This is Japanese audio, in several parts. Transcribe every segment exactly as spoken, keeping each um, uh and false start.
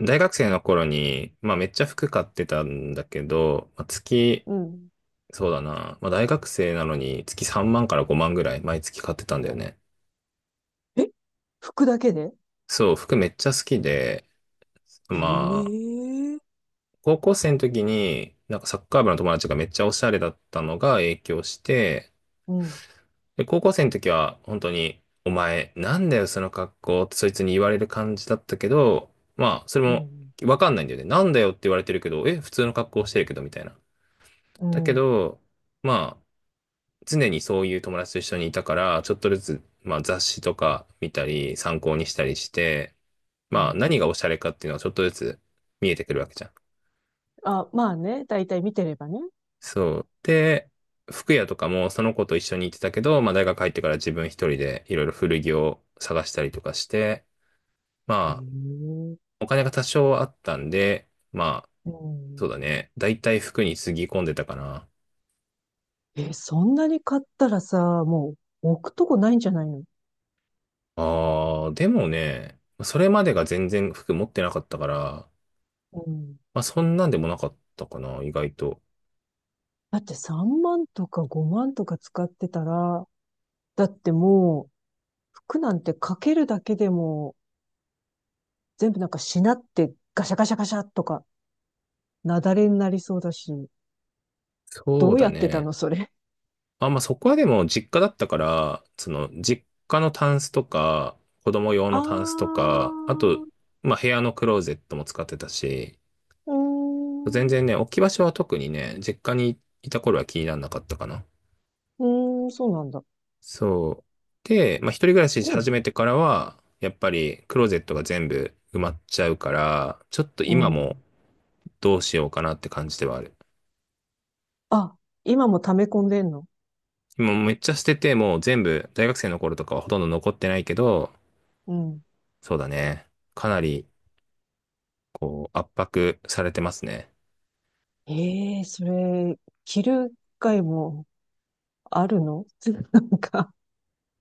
大学生の頃に、まあめっちゃ服買ってたんだけど、まあ、月、うん。そうだな。まあ大学生なのに月さんまんからごまんぐらい毎月買ってたんだよね。え、服だけで？そう、服めっちゃ好きで、まあ、ええ。高校生の時に、なんかサッカー部の友達がめっちゃおしゃれだったのが影響して、うん。で、高校生の時は本当に、お前、なんだよその格好ってそいつに言われる感じだったけど、まあ、それうもん。わかんないんだよね。なんだよって言われてるけど、え、普通の格好してるけどみたいな。うだけん。ど、まあ、常にそういう友達と一緒にいたから、ちょっとずつ、まあ、雑誌とか見たり、参考にしたりして、うまあ、ん。何がおしゃれかっていうのはちょっとずつ見えてくるわけじゃん。あ、まあね。だいたい見てればね。そう。で、服屋とかもその子と一緒に行ってたけど、まあ、大学入ってから自分一人でいろいろ古着を探したりとかして、まあ、ええ。お金が多少あったんで、まあ、うん。そうだね。だいたい服につぎ込んでたかな。え、そんなに買ったらさ、もう置くとこないんじゃないの？ああ、でもね、それまでが全然服持ってなかったから、うん。まあ、そんなんでもなかったかな、意外と。だってさんまんとかごまんとか使ってたら、だってもう服なんてかけるだけでも、全部なんかしなってガシャガシャガシャとか、なだれになりそうだし、そどううやだってたね。のそれ？あ、まあ、そこはでも実家だったから、その、実家のタンスとか、子供用あのタンスとか、あと、ー。まあ、部屋のクローゼットも使ってたし、うー全ん、う然ね、置き場所は特にね、実家にいた頃は気にならなかったかな。ーん、そうなんだ。そう。で、まあ、一人暮らししう始ん、めてからは、やっぱりクローゼットが全部埋まっちゃうから、ちょっとう今もん。どうしようかなって感じではある。あ、今も溜め込んでんの？今めっちゃ捨てて、もう全部、大学生の頃とかはほとんど残ってないけど、うん。そうだね。かなり、こう、圧迫されてますね。ええ、それ、着る回もあるの？ なんか。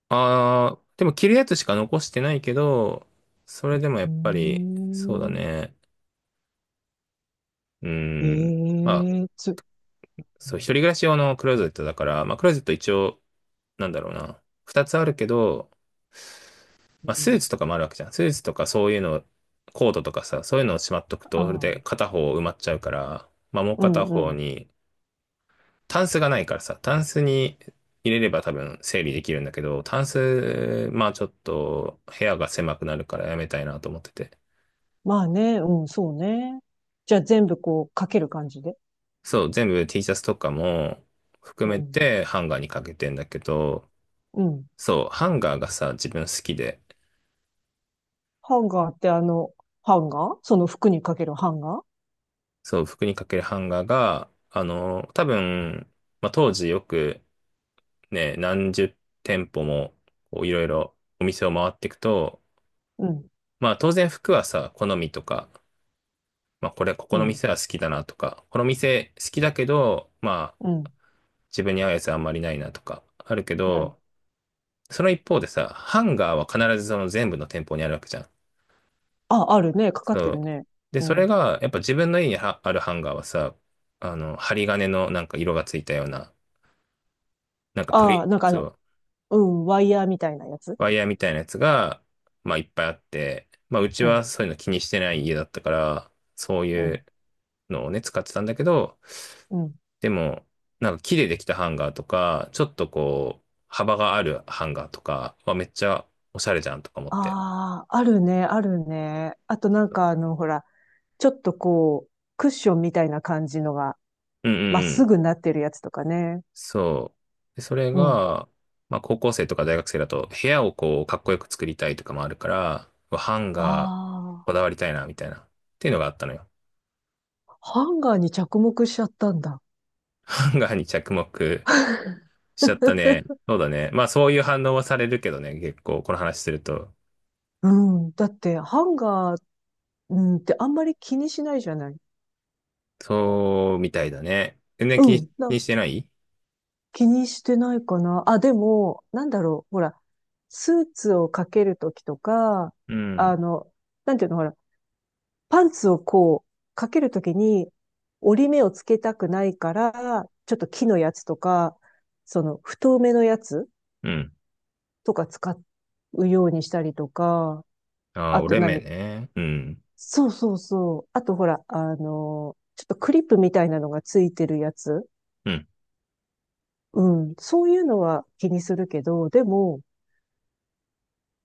あー、でも着るやつしか残してないけど、それでもやうっーぱり、そうだん。ね。うーえん。まあ、えつ、そう、一人暮らし用のクローゼットだから、まあ、クローゼット一応、なんだろうな。二つあるけど、うまあ、スーん。ツとかもあるわけじゃん。スーツとかそういうの、コートとかさ、そういうのをしまっとくあと、それであ、片方埋まっちゃうから、まあ、もううん、片う方ん。に、タンスがないからさ、タンスに入れれば多分整理できるんだけど、タンス、まあちょっと部屋が狭くなるからやめたいなと思ってて。まあね、うん、そうね。じゃあ全部こう、かける感じで。そう、全部 T シャツとかも含うめん、てハンガーにかけてんだけど、うん。そう、ハンガーがさ、自分好きで、ハンガーってあの、ハンガー、その服にかけるハンガー？そう、服にかけるハンガーが、あの、多分、まあ当時よくね、何十店舗もこういろいろお店を回っていくと、うん、まあ当然服はさ、好みとかまあ、これ、ここうのん、店は好きだなとか、この店好きだけど、まあ、うん、自分に合うやつあんまりないなとか、あるけうん。ど、その一方でさ、ハンガーは必ずその全部の店舗にあるわけじゃん。あ、あるね。かかっそてるう。ね。で、うそれん。が、やっぱ自分の家にはあるハンガーはさ、あの、針金のなんか色がついたような、なんかああ、栗、なんかあその、う、うん、ワイヤーみたいなやつ。ワイヤーみたいなやつが、まあ、いっぱいあって、まあ、うちうはん、そういうの気にしてない家だったから、そうういん、うのをね、使ってたんだけど、うん。でも、なんか木でできたハンガーとか、ちょっとこう、幅があるハンガーとかはめっちゃおしゃれじゃんとか思って。ああ、あるね、あるね。あとなんかあの、ほら、ちょっとこう、クッションみたいな感じのが、うんうまっんうすん。ぐになってるやつとかね。そう。で、それうん。が、まあ高校生とか大学生だと部屋をこうかっこよく作りたいとかもあるから、うわハンガーああ、こだわりたいなみたいな。っていうのがあったのよ。ハンガーに着目しちゃったんだ。ハンガーに着目しちゃったね。そうだね。まあそういう反応はされるけどね、結構この話すると。うん。だって、ハンガー、うんってあんまり気にしないじゃない。そうみたいだね。全然う気に、気ん。なにんしてない気にしてないかな。あ、でも、なんだろう。ほら、スーツをかけるときとか、うん。あの、なんていうの、ほら、パンツをこう、かけるときに、折り目をつけたくないから、ちょっと木のやつとか、その、太めのやつうん。とか使うようにしたりとか、ああ、あ折とれ目何、ね。うん。そうそうそう。あとほら、あの、ちょっとクリップみたいなのがついてるやつ。うん。うん。そういうのは気にするけど、でも、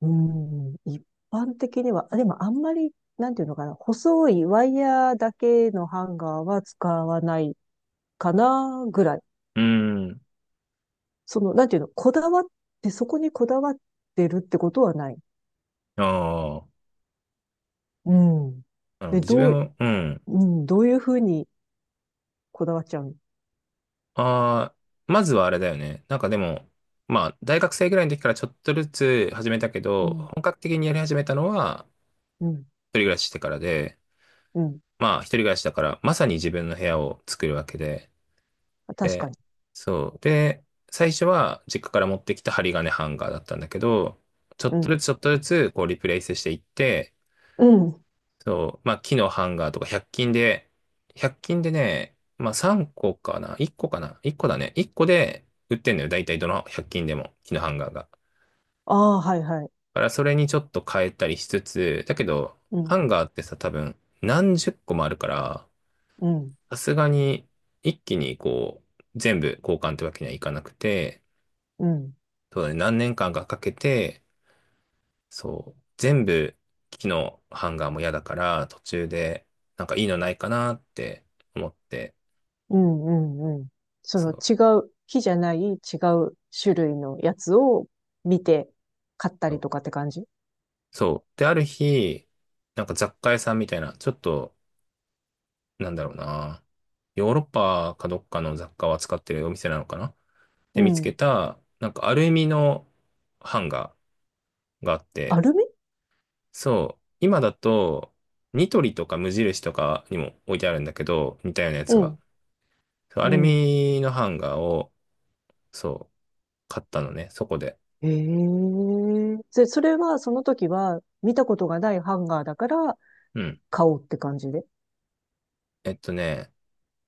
うん、一般的には、あ、でもあんまり、なんていうのかな、細いワイヤーだけのハンガーは使わないかな、ぐらい。うん。その、なんていうの、こだわって、そこにこだわってるってことはない。ああ、うん。なるほで、ど。自どう、分、うん。うん、どういうふうにこだわっちゃうの？ああ、まずはあれだよね。なんかでも、まあ、大学生ぐらいの時からちょっとずつ始めたけうど、ん、本格的にやり始めたのは、うん、一人暮らししてからで、うん。まあ、一人暮らしだから、まさに自分の部屋を作るわけで、確かで、に。そう。で、最初は、実家から持ってきた針金ハンガーだったんだけど、ちょうっとずん、つちょっとずつ、こう、リプレイスしていって、うん。そう、まあ、木のハンガーとかひゃく均で、ひゃく均でね、まあ、さんこかな？ いっ 個かな？ いち 個だね。いっこで売ってんのよ。大体どのひゃく均でも、木のハンガーが。だああ、はい、はい。からそれにちょっと変えたりしつつ、だけど、うん、ハンガーってさ、多分何十個もあるから、うん、さすがに一気にこう、全部交換ってわけにはいかなくて、うん。そうだね、何年間かかけて、そう、全部木のハンガーも嫌だから、途中でなんかいいのないかなって思って、うんうんうん。そそのう。違う、木じゃない違う種類のやつを見て買ったりとかって感じ？そう。で、ある日、なんか雑貨屋さんみたいな、ちょっと、なんだろうな。ヨーロッパかどっかの雑貨を扱ってるお店なのかなうで、見つけん。た、なんかアルミのハンガーがあっアて、ルミ。そう。今だと、ニトリとか無印とかにも置いてあるんだけど、似たようなやうつが。んそうアうルん。ミのハンガーを、そう、買ったのね、そこで。ええ、で、それはその時は見たことがないハンガーだからうん。買おうって感じで？えっとね、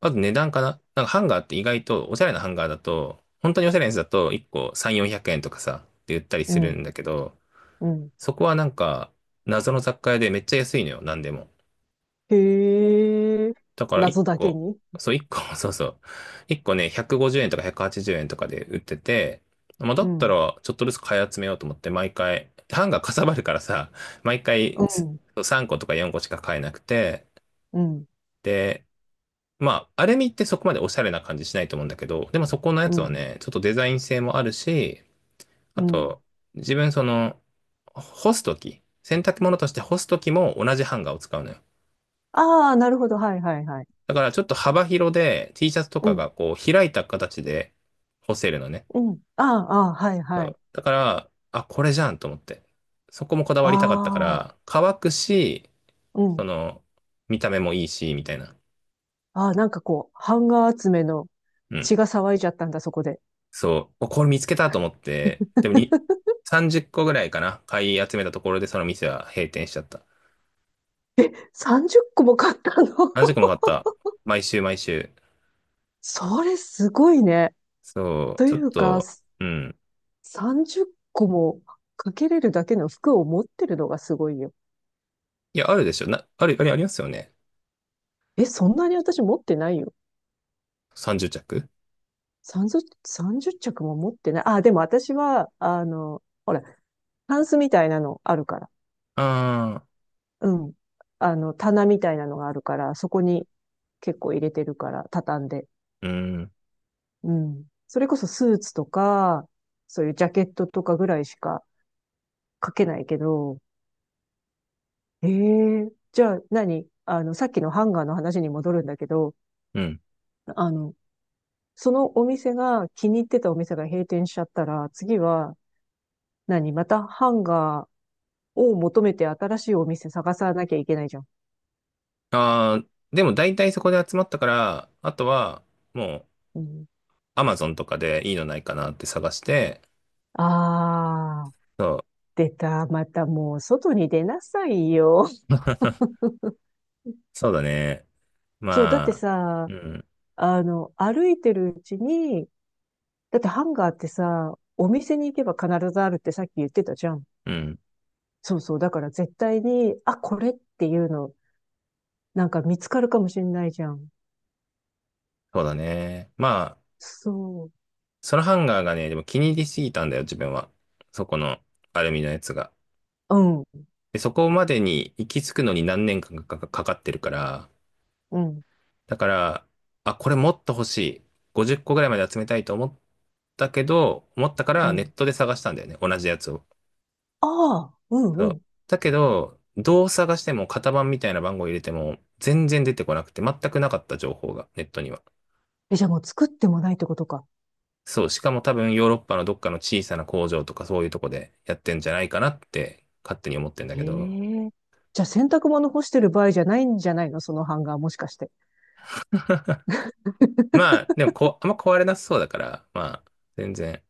あと値段かななんかハンガーって意外と、おしゃれなハンガーだと、本当におしゃれなやつだといっこさんびゃく、よんひゃくえんとかさ、って売ったりうするん。んだけど、うん。そこはなんか、謎の雑貨屋でめっちゃ安いのよ、なんでも。へえ。だから1謎だけ個、に。そういっこ、そうそう。いっこね、ひゃくごじゅうえんとかひゃくはちじゅうえんとかで売ってて、まあ、だうったん。らちょっとずつ買い集めようと思って毎回、ハンガーかさばるからさ、毎う回すん。さんことかよんこしか買えなくて、うん。で、まあ、アルミってそこまでおしゃれな感じしないと思うんだけど、でもそこのやうつはん。ね、ちょっとデザイン性もあるし、あうん。と、自分その、干すとき、洗濯物として干すときも同じハンガーを使うのよ。ああ、なるほど。はいはいはい。だからちょっと幅広で T シャツとうかん。がこう開いた形で干せるのね。うん。ああ、ああ、はいそはい。うだから、あ、これじゃんと思って。そこもこだわりたかったかあら、あ。乾くし、うそん。の、見た目もいいし、みたいな。ああ、なんかこう、版画集めのうん血が騒いじゃったんだ、そこで。そう、お、これ見つけたと思って、でもに、さんじゅっこぐらいかな、買い集めたところでその店は閉店しちゃった。さんじゅっこも買ったの？ 何十個 も買った。毎週毎週。それすごいね。そう、とちいょっうか、と、うん。さんじゅっこもかけれるだけの服を持ってるのがすごいよ。いや、あるでしょ。な、ある、あれありますよね。え、そんなに私持ってないよ。さんじゅう着さんじゅう、さんじゅう着も持ってない。あ、でも私は、あの、ほら、タンスみたいなのあるから。ああうん。あの、棚みたいなのがあるから、そこに結構入れてるから、畳んで。ー、うん、うん。それこそスーツとか、そういうジャケットとかぐらいしか書けないけど、ええ、じゃあ何、あの、さっきのハンガーの話に戻るんだけど、うん。あの、そのお店が気に入ってたお店が閉店しちゃったら、次は何またハンガーを求めて新しいお店探さなきゃいけないじゃん。ああ、でも大体そこで集まったから、あとは、もう、うん、アマゾンとかでいいのないかなって探して、あー、そう、出た。またもう外に出なさいよ。そうだね。そう、だってまあ、さ、うん、あの、歩いてるうちに、だってハンガーってさ、お店に行けば必ずあるってさっき言ってたじゃん。うん、そうそう。だから絶対に、あ、これっていうの、なんか見つかるかもしれないじゃん。そうだね。まそう。そのハンガーがね、でも気に入りすぎたんだよ、自分は。そこのアルミのやつが。うん、で、そこまでに行き着くのに何年間かかかかってるから、うん、だから、あ、これもっと欲しい。ごじゅっこぐらいまで集めたいと思ったけど、思ったかうらネッん。トで探したんだよね、同じやつを。ああ、うん、そうう。ん。だけど、どう探しても型番みたいな番号入れても全然出てこなくて、全くなかった情報がネットには。え、じゃあもう作ってもないってことか。そう、しかも多分ヨーロッパのどっかの小さな工場とかそういうとこでやってんじゃないかなって勝手に思ってんだへけど。え。じゃあ洗濯物干してる場合じゃないんじゃないの、そのハンガー、もしかして？まあ、でもこう、あんま壊れなさそうだから、まあ、全然。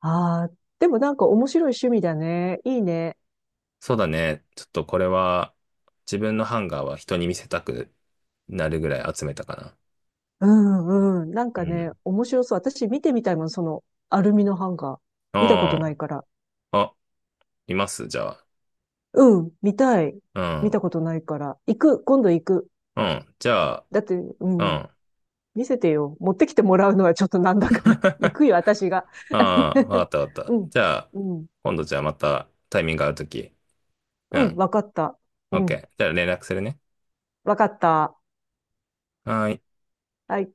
ああ、でもなんか面白い趣味だね。いいね。そうだね。ちょっとこれは、自分のハンガーは人に見せたくなるぐらい集めたかな。うんうん。なんうかん。ね、面白そう。私見てみたいもん、そのアルミのハンガー。見たことなあいから。あ、あ、いますじゃあ。うん、見たい。う見ん。たことないから。行く、今度行く。うん。じゃあ、だって、ううん、ん。見せてよ。持ってきてもらうのはちょっとなんだから。行くよ、私が。ああ、わか ったわかっうた。ん、じゃあ、うん、今度じゃあまたタイミング合うとき。ううん、ん。わかった。オッうケん、ー。じゃあ連絡するね。わかった。はーい。はい。